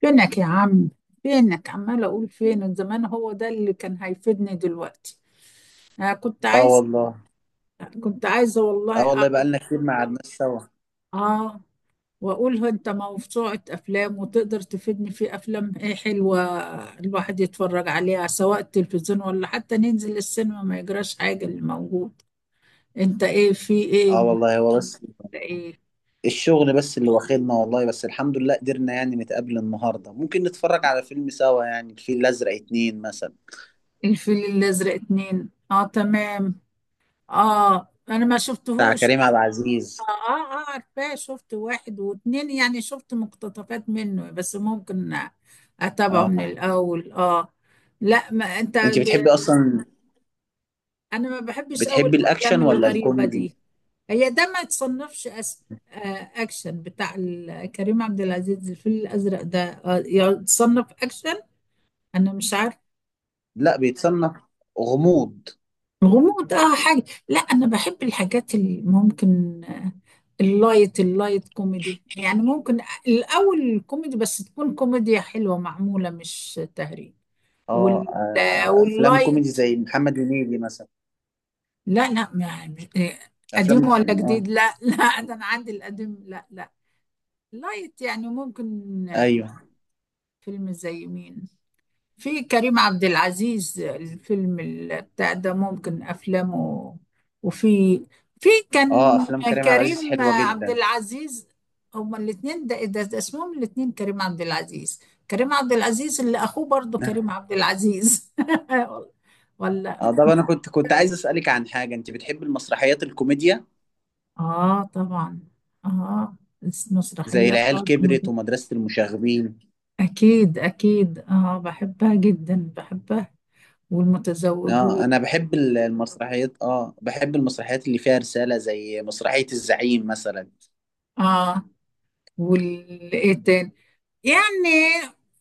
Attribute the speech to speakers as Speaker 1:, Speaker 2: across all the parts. Speaker 1: فينك يا عم. فينك عمال اقول فينك زمان، هو ده اللي كان هيفيدني دلوقتي. انا كنت
Speaker 2: اه
Speaker 1: عايز،
Speaker 2: والله.
Speaker 1: كنت عايزه
Speaker 2: اه
Speaker 1: والله
Speaker 2: والله، بقالنا كتير ما قعدناش سوا.
Speaker 1: اه، واقول له انت موسوعة افلام وتقدر تفيدني في افلام ايه حلوة الواحد يتفرج عليها سواء التلفزيون ولا حتى ننزل السينما ما يجراش حاجة اللي موجود. انت ايه في ايه
Speaker 2: اه
Speaker 1: من
Speaker 2: والله، هو بس
Speaker 1: ايه؟
Speaker 2: الشغل بس اللي واخدنا، والله. بس الحمد لله قدرنا يعني نتقابل النهارده، ممكن نتفرج على فيلم سوا، يعني الفيل الازرق اتنين مثلا،
Speaker 1: الفيل الازرق اتنين، اه تمام. اه انا ما
Speaker 2: بتاع
Speaker 1: شفتهوش.
Speaker 2: كريم عبد
Speaker 1: اه
Speaker 2: العزيز.
Speaker 1: اه عارفاه، شفت واحد واتنين، يعني شفت مقتطفات منه بس ممكن اتابعه
Speaker 2: اه،
Speaker 1: من الاول. اه. لا ما انت
Speaker 2: انت بتحبي اصلا؟
Speaker 1: انا ما بحبش قوي
Speaker 2: بتحبي
Speaker 1: الافلام
Speaker 2: الاكشن ولا
Speaker 1: الغريبه
Speaker 2: الكوميدي؟
Speaker 1: دي. هي ده ما يتصنفش. اكشن بتاع كريم عبد العزيز، الفيل الازرق ده يتصنف اكشن. انا مش عارف.
Speaker 2: لا، بيتصنف غموض.
Speaker 1: غموض، اه حاجه. لا انا بحب الحاجات اللي ممكن، اللايت كوميدي يعني ممكن. الأول كوميدي بس تكون كوميديا حلوة معمولة مش تهريج.
Speaker 2: اه، افلام كوميدي
Speaker 1: واللايت.
Speaker 2: زي محمد هنيدي مثلا.
Speaker 1: لا لا ما مش- آه،
Speaker 2: افلام،
Speaker 1: قديم ولا
Speaker 2: اه.
Speaker 1: جديد؟ لا لا ده أنا عندي القديم، لا لا. لايت يعني ممكن.
Speaker 2: ايوه.
Speaker 1: فيلم زي مين؟ في كريم عبد العزيز، الفيلم بتاع ده، ممكن افلامه. وفي، في
Speaker 2: اه،
Speaker 1: كان
Speaker 2: افلام كريم عبد العزيز
Speaker 1: كريم
Speaker 2: حلوه
Speaker 1: عبد
Speaker 2: جدا.
Speaker 1: العزيز. هما الاثنين، ده اسمهم الاثنين كريم عبد العزيز، كريم عبد العزيز اللي اخوه برضه كريم عبد العزيز. ولا؟
Speaker 2: اه، طب انا كنت عايز اسالك عن حاجه، انت بتحب المسرحيات الكوميديا
Speaker 1: اه طبعا. اه.
Speaker 2: زي
Speaker 1: مسرحية
Speaker 2: العيال كبرت
Speaker 1: كوميدي،
Speaker 2: ومدرسه المشاغبين؟
Speaker 1: اكيد اكيد، اه بحبها جدا، بحبها.
Speaker 2: اه، انا
Speaker 1: والمتزوجون.
Speaker 2: بحب المسرحيات، اه بحب المسرحيات اللي فيها رساله، زي مسرحيه الزعيم مثلا.
Speaker 1: اه والايه تاني؟ يعني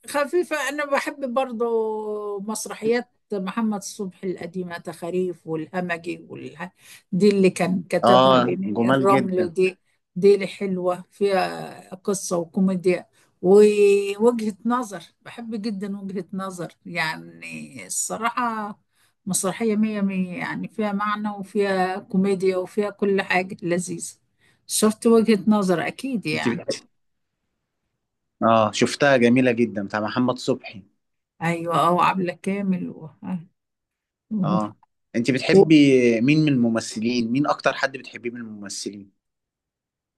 Speaker 1: خفيفة. أنا بحب برضو مسرحيات محمد صبحي القديمة، تخاريف والهمجي والها، دي اللي كان كتبها
Speaker 2: اه،
Speaker 1: لنيني
Speaker 2: جمال
Speaker 1: الرمل
Speaker 2: جدا.
Speaker 1: دي، دي اللي حلوة فيها قصة وكوميديا ووجهة نظر. بحب جدا وجهة نظر يعني، الصراحة مسرحية مية مية يعني، فيها معنى وفيها كوميديا وفيها كل حاجة لذيذة. شفت؟ وجهة نظر أكيد
Speaker 2: انت
Speaker 1: يعني.
Speaker 2: بتحب؟ اه، شفتها جميله جدا، بتاع محمد صبحي.
Speaker 1: ايوه اه، وعبلة كامل
Speaker 2: اه، انت
Speaker 1: و-
Speaker 2: بتحبي مين من الممثلين؟ مين اكتر حد بتحبيه من الممثلين؟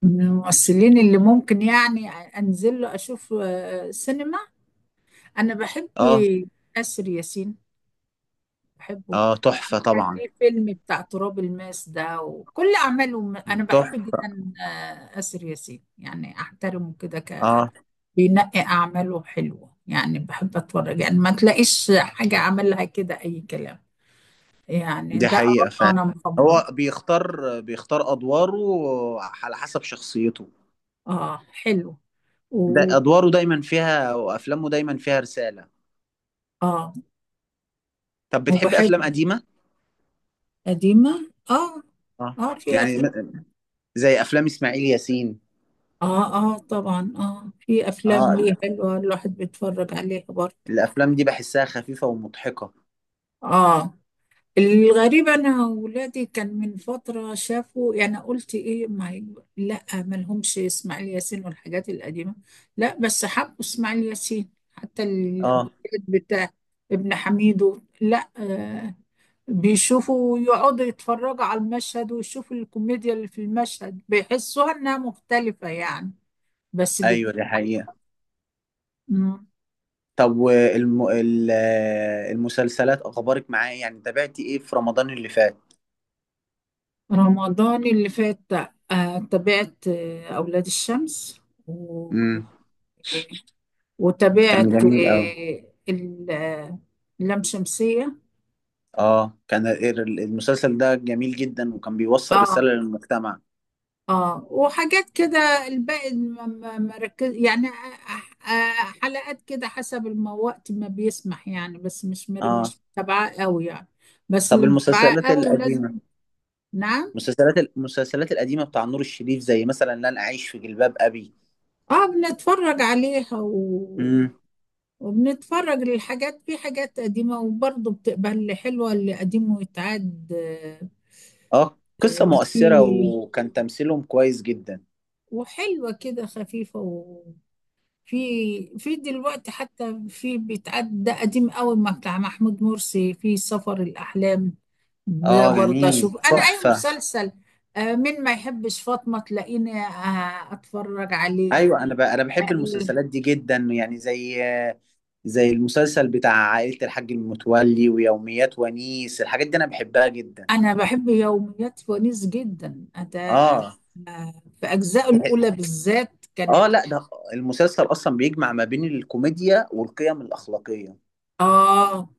Speaker 1: من الممثلين اللي ممكن يعني انزل له اشوف، سينما. انا بحب
Speaker 2: اه
Speaker 1: اسر ياسين، بحبه.
Speaker 2: اه، تحفه
Speaker 1: كان
Speaker 2: طبعا.
Speaker 1: ليه فيلم بتاع تراب الماس ده وكل اعماله، انا بحب
Speaker 2: تحفه.
Speaker 1: جدا اسر ياسين، يعني احترمه كده ك
Speaker 2: اه،
Speaker 1: بينقي اعماله حلوه، يعني بحب اتفرج، يعني ما تلاقيش حاجه عملها كده اي كلام، يعني
Speaker 2: دي
Speaker 1: ده
Speaker 2: حقيقة
Speaker 1: اراء
Speaker 2: فعلا.
Speaker 1: انا مصممه.
Speaker 2: هو بيختار أدواره على حسب شخصيته.
Speaker 1: اه حلو.
Speaker 2: ده
Speaker 1: و
Speaker 2: أدواره دايما فيها، وأفلامه دايما فيها رسالة.
Speaker 1: اه.
Speaker 2: طب
Speaker 1: هو
Speaker 2: بتحب أفلام
Speaker 1: حلو.
Speaker 2: قديمة؟
Speaker 1: قديمة اه.
Speaker 2: اه
Speaker 1: اه في
Speaker 2: يعني
Speaker 1: أفلام.
Speaker 2: زي أفلام إسماعيل ياسين.
Speaker 1: اه اه طبعا، اه في أفلام
Speaker 2: اه،
Speaker 1: ليه حلوة الواحد بيتفرج عليها برضه.
Speaker 2: الأفلام دي بحسها خفيفة ومضحكة.
Speaker 1: اه. الغريب أنا ولادي كان من فترة شافوا، يعني قلت إيه ما لا مالهمش إسماعيل ياسين والحاجات القديمة، لا بس حبوا إسماعيل ياسين حتى
Speaker 2: اه،
Speaker 1: الجداد بتاع ابن حميدو، لا آه، بيشوفوا يقعدوا يتفرجوا على المشهد ويشوفوا الكوميديا اللي في المشهد، بيحسوها انها مختلفة يعني. بس بد...
Speaker 2: أيوة، دي حقيقة.
Speaker 1: مم.
Speaker 2: طب المسلسلات أخبارك معاه إيه؟ يعني تابعتي إيه في رمضان اللي فات؟
Speaker 1: رمضان اللي فات، تابعت أولاد الشمس و...
Speaker 2: امم. كان
Speaker 1: وتابعت
Speaker 2: جميل أوي.
Speaker 1: اللام شمسية.
Speaker 2: اه، كان المسلسل ده جميل جدا، وكان بيوصل
Speaker 1: اه
Speaker 2: رسالة للمجتمع.
Speaker 1: اه وحاجات كده. الباقي ما ركز يعني أ- حلقات كده حسب وقت ما بيسمح يعني، بس
Speaker 2: اه،
Speaker 1: مش متابعاه قوي يعني، بس
Speaker 2: طب
Speaker 1: اللي متابعاه
Speaker 2: المسلسلات
Speaker 1: قوي ولازم.
Speaker 2: القديمة،
Speaker 1: نعم.
Speaker 2: المسلسلات القديمة بتاع نور الشريف، زي مثلا لن أعيش في جلباب أبي.
Speaker 1: اه بنتفرج عليها و...
Speaker 2: امم.
Speaker 1: وبنتفرج للحاجات، في حاجات قديمة وبرضه بتبقى اللي حلوة، اللي قديم ويتعاد.
Speaker 2: اه، قصة مؤثرة
Speaker 1: في،
Speaker 2: وكان تمثيلهم كويس جدا.
Speaker 1: وحلوة كده خفيفة. في في دلوقتي حتى في بيتعدى قديم قوي ما بتاع محمود مرسي في سفر الأحلام، ده
Speaker 2: اه،
Speaker 1: برضه
Speaker 2: جميل،
Speaker 1: أشوف أنا أي
Speaker 2: تحفة.
Speaker 1: مسلسل مين ما يحبش فاطمة تلاقيني أتفرج عليه.
Speaker 2: ايوه، انا بحب
Speaker 1: آه،
Speaker 2: المسلسلات دي جدا، يعني زي المسلسل بتاع عائلة الحاج المتولي ويوميات ونيس، الحاجات دي انا بحبها جدا.
Speaker 1: أنا بحب يوميات ونيس جدا ده،
Speaker 2: اه.
Speaker 1: في أجزائه الأولى بالذات كانت،
Speaker 2: اه، لا، ده المسلسل اصلا بيجمع ما بين الكوميديا والقيم الأخلاقية.
Speaker 1: آه.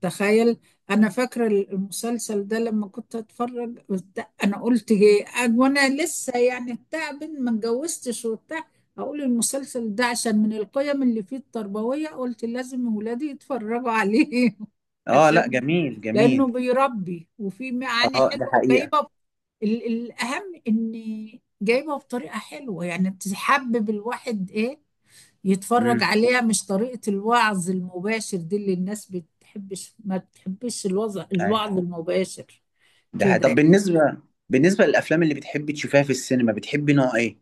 Speaker 1: تخيل. أنا فاكرة المسلسل ده لما كنت أتفرج أنا قلت إيه وأنا لسه يعني بتاع بنت ما اتجوزتش وبتاع، أقول المسلسل ده عشان من القيم اللي فيه التربوية قلت لازم ولادي يتفرجوا عليه
Speaker 2: اه، لا
Speaker 1: عشان
Speaker 2: جميل،
Speaker 1: لأنه
Speaker 2: جميل.
Speaker 1: بيربي وفيه معاني
Speaker 2: اه، ده
Speaker 1: حلوة
Speaker 2: حقيقة.
Speaker 1: جايبة. الأهم إن جايبة بطريقة حلوة يعني، تحبب الواحد إيه يتفرج
Speaker 2: امم.
Speaker 1: عليها، مش طريقة الوعظ المباشر دي اللي الناس بتحبش، ما بتحبش الوضع
Speaker 2: ايوه،
Speaker 1: الوعظ المباشر
Speaker 2: ده حقيقة.
Speaker 1: كده.
Speaker 2: طب بالنسبة للأفلام اللي بتحبي تشوفيها في السينما، بتحبي نوع ايه؟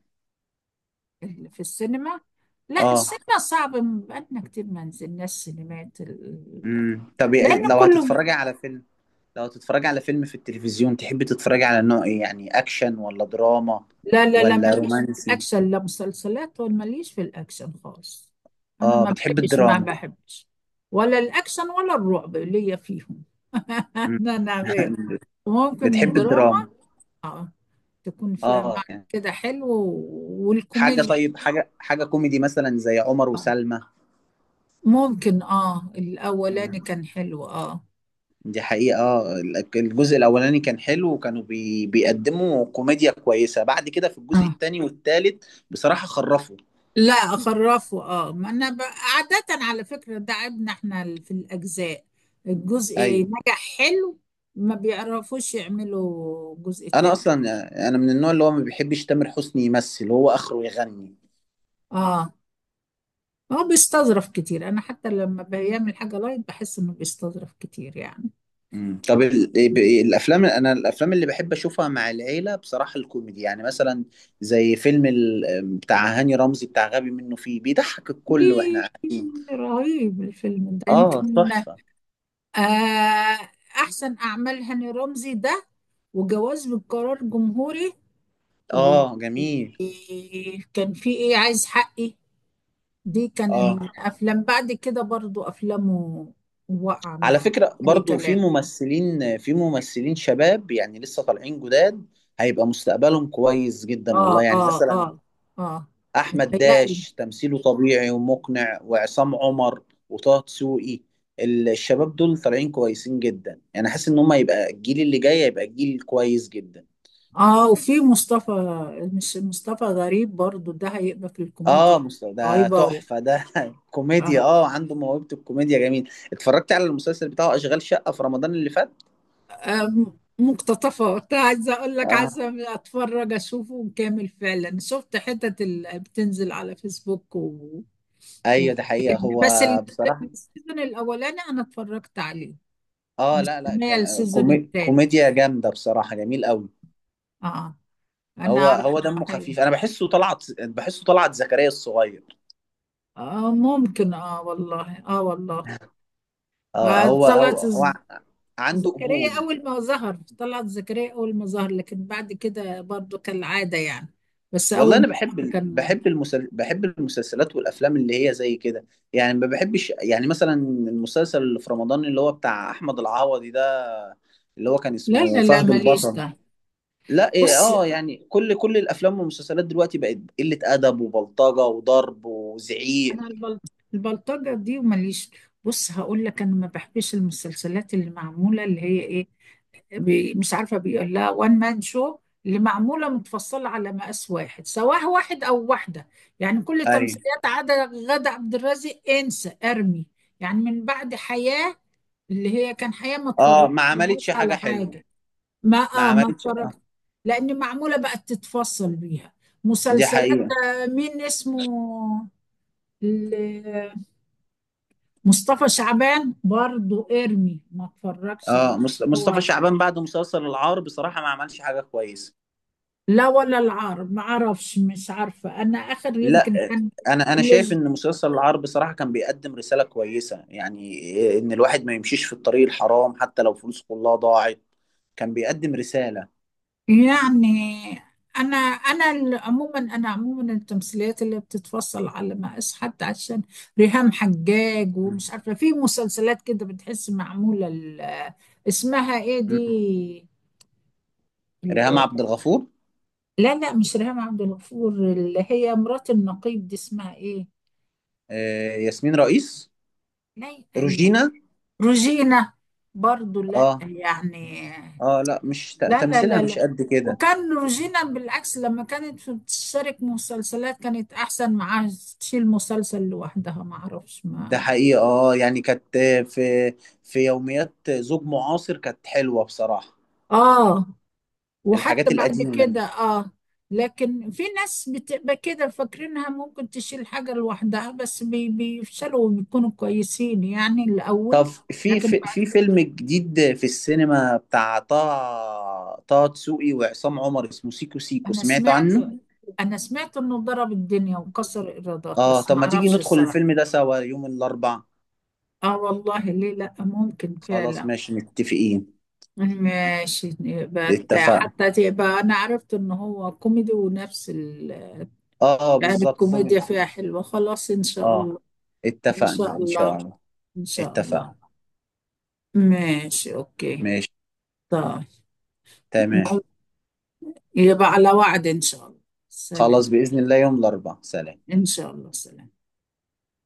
Speaker 1: يعني اللي في السينما، لا
Speaker 2: اه.
Speaker 1: السينما صعب، بقالنا كتير ما نزلناش سينمات
Speaker 2: امم. طب
Speaker 1: لأن
Speaker 2: لو
Speaker 1: كله
Speaker 2: هتتفرجي على فيلم لو هتتفرجي على فيلم في التلفزيون، تحبي تتفرجي على نوع ايه؟ يعني أكشن ولا دراما
Speaker 1: لا لا لا،
Speaker 2: ولا
Speaker 1: ماليش في
Speaker 2: رومانسي؟
Speaker 1: الأكشن، لا مسلسلات، ولا ماليش في الأكشن خالص. أنا
Speaker 2: اه،
Speaker 1: ما
Speaker 2: بتحبي
Speaker 1: بحبش، ما
Speaker 2: الدراما.
Speaker 1: بحبش ولا الأكشن ولا الرعب، ليا فيهم.
Speaker 2: مم.
Speaker 1: أنا أنا غير، ممكن
Speaker 2: بتحبي
Speaker 1: الدراما
Speaker 2: الدراما.
Speaker 1: تكون فيها
Speaker 2: اه
Speaker 1: معنى
Speaker 2: يعني
Speaker 1: كده حلو،
Speaker 2: حاجة،
Speaker 1: والكوميديا.
Speaker 2: طيب، حاجة كوميدي مثلا زي عمر وسلمى.
Speaker 1: ممكن اه، الاولاني كان حلو اه.
Speaker 2: دي حقيقة. آه، الجزء الأولاني كان حلو، وكانوا بيقدموا كوميديا كويسة، بعد كده في الجزء
Speaker 1: اه
Speaker 2: التاني والتالت بصراحة خرفوا.
Speaker 1: لا اخرفه اه، ما انا عادة على فكرة ده عيبنا احنا في الاجزاء، الجزء
Speaker 2: أيوه.
Speaker 1: نجح حلو، ما بيعرفوش يعملوا جزء
Speaker 2: أنا
Speaker 1: تاني.
Speaker 2: أصلا، أنا من النوع اللي هو ما بيحبش تامر حسني، يمثل، هو آخره يغني.
Speaker 1: اه. هو بيستظرف كتير، انا حتى لما بيعمل حاجة لايت بحس انه بيستظرف كتير يعني.
Speaker 2: مم. طب ال... إيه، ب- إيه، الأفلام أنا الأفلام اللي بحب أشوفها مع العيلة بصراحة الكوميدي، يعني مثلا زي فيلم بتاع هاني رمزي، بتاع غبي منه فيه، بيضحك الكل وإحنا
Speaker 1: إيه
Speaker 2: قاعدين.
Speaker 1: رهيب الفيلم ده،
Speaker 2: آه،
Speaker 1: يمكن.
Speaker 2: تحفة.
Speaker 1: آه أحسن أعمال هاني رمزي ده، وجواز بالقرار جمهوري، وكان
Speaker 2: آه، جميل.
Speaker 1: في ايه، عايز حقي، دي كان
Speaker 2: آه،
Speaker 1: الافلام بعد كده برضو افلامه. وقع
Speaker 2: على
Speaker 1: مع
Speaker 2: فكرة
Speaker 1: اي
Speaker 2: برضو
Speaker 1: كلام.
Speaker 2: في ممثلين شباب يعني لسه طالعين جداد، هيبقى مستقبلهم كويس جدا
Speaker 1: اه
Speaker 2: والله، يعني
Speaker 1: اه
Speaker 2: مثلا
Speaker 1: اه. اه.
Speaker 2: أحمد
Speaker 1: متهيألي.
Speaker 2: داش تمثيله طبيعي ومقنع، وعصام عمر، وطه دسوقي. الشباب دول طالعين كويسين جدا، يعني حاسس ان هم يبقى الجيل اللي جاي يبقى جيل كويس جدا.
Speaker 1: اه وفي مصطفى، مش مصطفى غريب برضو ده، هيبقى في الكوميديا
Speaker 2: اه، مستوى ده
Speaker 1: رهيبة و...
Speaker 2: تحفة ده.
Speaker 1: آه.
Speaker 2: كوميديا، اه، عنده موهبة الكوميديا، جميل. اتفرجت على المسلسل بتاعه أشغال شقة في رمضان اللي فات.
Speaker 1: آه مقتطفة، كنت عايزة اقول لك
Speaker 2: اه،
Speaker 1: عايزة اتفرج، اشوفه كامل فعلا. شفت حتت اللي بتنزل على فيسبوك و...
Speaker 2: ايوه، ده حقيقة، هو
Speaker 1: بس
Speaker 2: بصراحة.
Speaker 1: السيزون الاولاني انا اتفرجت عليه،
Speaker 2: اه، لا لا،
Speaker 1: مستنيه السيزون الثاني.
Speaker 2: كوميديا جامده بصراحه، جميل قوي.
Speaker 1: اه. انا
Speaker 2: هو
Speaker 1: عارف
Speaker 2: هو
Speaker 1: إنه
Speaker 2: دمه
Speaker 1: حلو.
Speaker 2: خفيف، انا بحسه طلعت، بحسه طلعت زكريا الصغير.
Speaker 1: اه ممكن، اه والله اه والله.
Speaker 2: اه، هو
Speaker 1: طلعت
Speaker 2: هو, هو عنده
Speaker 1: زكريا
Speaker 2: قبول.
Speaker 1: اول ما ظهر، طلعت زكريا اول ما ظهر، لكن بعد كده برضو كالعاده يعني، بس
Speaker 2: والله
Speaker 1: اول ما
Speaker 2: انا بحب
Speaker 1: ظهر كان.
Speaker 2: بحب بحب المسلسلات والافلام اللي هي زي كده، يعني ما بحبش، يعني مثلا المسلسل اللي في رمضان اللي هو بتاع احمد العوضي ده، اللي هو كان
Speaker 1: لا
Speaker 2: اسمه
Speaker 1: لا لا
Speaker 2: فهد
Speaker 1: ماليش
Speaker 2: البطل.
Speaker 1: ده.
Speaker 2: لا، ايه،
Speaker 1: بص،
Speaker 2: اه يعني كل الافلام والمسلسلات دلوقتي بقت قله ادب وبلطجه وضرب وزعيق.
Speaker 1: انا البلطجه دي، وماليش. بص هقول لك، انا ما بحبش المسلسلات اللي معموله اللي هي ايه، مش عارفة بيقول لها وان مان شو، اللي معمولة متفصلة على مقاس واحد، سواء واحد أو واحدة، يعني كل
Speaker 2: ايوه.
Speaker 1: تمثيليات عدا غادة عبد الرازق، انسى ارمي. يعني من بعد حياة، اللي هي كان حياة ما
Speaker 2: اه، ما
Speaker 1: اتفرجتلهاش
Speaker 2: عملتش حاجة
Speaker 1: على
Speaker 2: حلوة.
Speaker 1: حاجة. ما
Speaker 2: ما
Speaker 1: اه ما
Speaker 2: عملتش.
Speaker 1: اتفرجت، لأن معمولة بقت تتفصل بيها
Speaker 2: دي
Speaker 1: مسلسلات.
Speaker 2: حقيقة.
Speaker 1: مين اسمه، ال- مصطفى شعبان برضو ارمي ما اتفرجش اللي
Speaker 2: اه، مصطفى
Speaker 1: هو.
Speaker 2: شعبان بعد مسلسل العار بصراحة ما عملش حاجة كويسة.
Speaker 1: لا ولا العار ما اعرفش، مش عارفة انا اخر
Speaker 2: لا،
Speaker 1: يمكن كان
Speaker 2: انا شايف
Speaker 1: اللي-
Speaker 2: ان مسلسل العار بصراحة كان بيقدم رسالة كويسة، يعني آه، ان الواحد ما يمشيش في الطريق الحرام حتى لو فلوس كلها ضاعت. كان بيقدم رسالة.
Speaker 1: يعني انا انا عموما، انا عموما التمثيليات اللي بتتفصل على مقاس، حتى عشان ريهام حجاج، ومش
Speaker 2: مم.
Speaker 1: عارفة في مسلسلات كده بتحس معمولة اسمها ايه
Speaker 2: مم.
Speaker 1: دي
Speaker 2: ريهام
Speaker 1: ال-
Speaker 2: عبد الغفور.
Speaker 1: لا لا، مش ريهام عبد الغفور. اللي هي مرات النقيب دي اسمها ايه،
Speaker 2: آه، ياسمين رئيس.
Speaker 1: لا
Speaker 2: روجينا.
Speaker 1: روجينا، برضو لا
Speaker 2: اه.
Speaker 1: يعني.
Speaker 2: اه، لا، مش
Speaker 1: لا لا
Speaker 2: تمثيلها
Speaker 1: لا
Speaker 2: مش
Speaker 1: لا.
Speaker 2: قد كده.
Speaker 1: وكان روجينا بالعكس لما كانت بتشترك مسلسلات كانت احسن معاها، تشيل مسلسل لوحدها ما اعرفش،
Speaker 2: ده
Speaker 1: ما
Speaker 2: حقيقة. اه يعني كانت، في، في يوميات زوج معاصر كانت حلوة بصراحة.
Speaker 1: اه،
Speaker 2: الحاجات
Speaker 1: وحتى بعد
Speaker 2: القديمة دي.
Speaker 1: كده اه. لكن في ناس بتبقى كده فاكرينها ممكن تشيل حاجة لوحدها، بس بيفشلوا وبيكونوا كويسين يعني
Speaker 2: طب
Speaker 1: الاول.
Speaker 2: في،
Speaker 1: لكن
Speaker 2: في
Speaker 1: بعد،
Speaker 2: في فيلم جديد في السينما بتاع طه دسوقي وعصام عمر، اسمه سيكو سيكو،
Speaker 1: انا
Speaker 2: سمعت
Speaker 1: سمعت،
Speaker 2: عنه؟
Speaker 1: انا سمعت انه ضرب الدنيا وكسر ايرادات
Speaker 2: اه،
Speaker 1: بس
Speaker 2: طب
Speaker 1: ما
Speaker 2: ما تيجي
Speaker 1: اعرفش
Speaker 2: ندخل
Speaker 1: الصراحة.
Speaker 2: الفيلم ده سوا يوم الأربعاء؟
Speaker 1: اه والله ليه لا، ممكن
Speaker 2: خلاص،
Speaker 1: فعلا.
Speaker 2: ماشي، متفقين.
Speaker 1: ماشي
Speaker 2: اتفقنا.
Speaker 1: حتى تبقى، انا عرفت ان هو كوميدي ونفس
Speaker 2: اه، آه،
Speaker 1: يعني
Speaker 2: بالظبط
Speaker 1: الكوميديا
Speaker 2: كوميدي.
Speaker 1: فيها حلوة، خلاص ان شاء
Speaker 2: اه،
Speaker 1: الله. ان
Speaker 2: اتفقنا
Speaker 1: شاء
Speaker 2: ان شاء
Speaker 1: الله.
Speaker 2: الله.
Speaker 1: ان شاء الله.
Speaker 2: اتفقنا.
Speaker 1: ماشي اوكي.
Speaker 2: ماشي.
Speaker 1: طيب.
Speaker 2: تمام.
Speaker 1: يبقى على وعد ان شاء الله. سلام.
Speaker 2: خلاص، بإذن الله يوم الأربعاء. سلام.
Speaker 1: ان شاء الله سلام.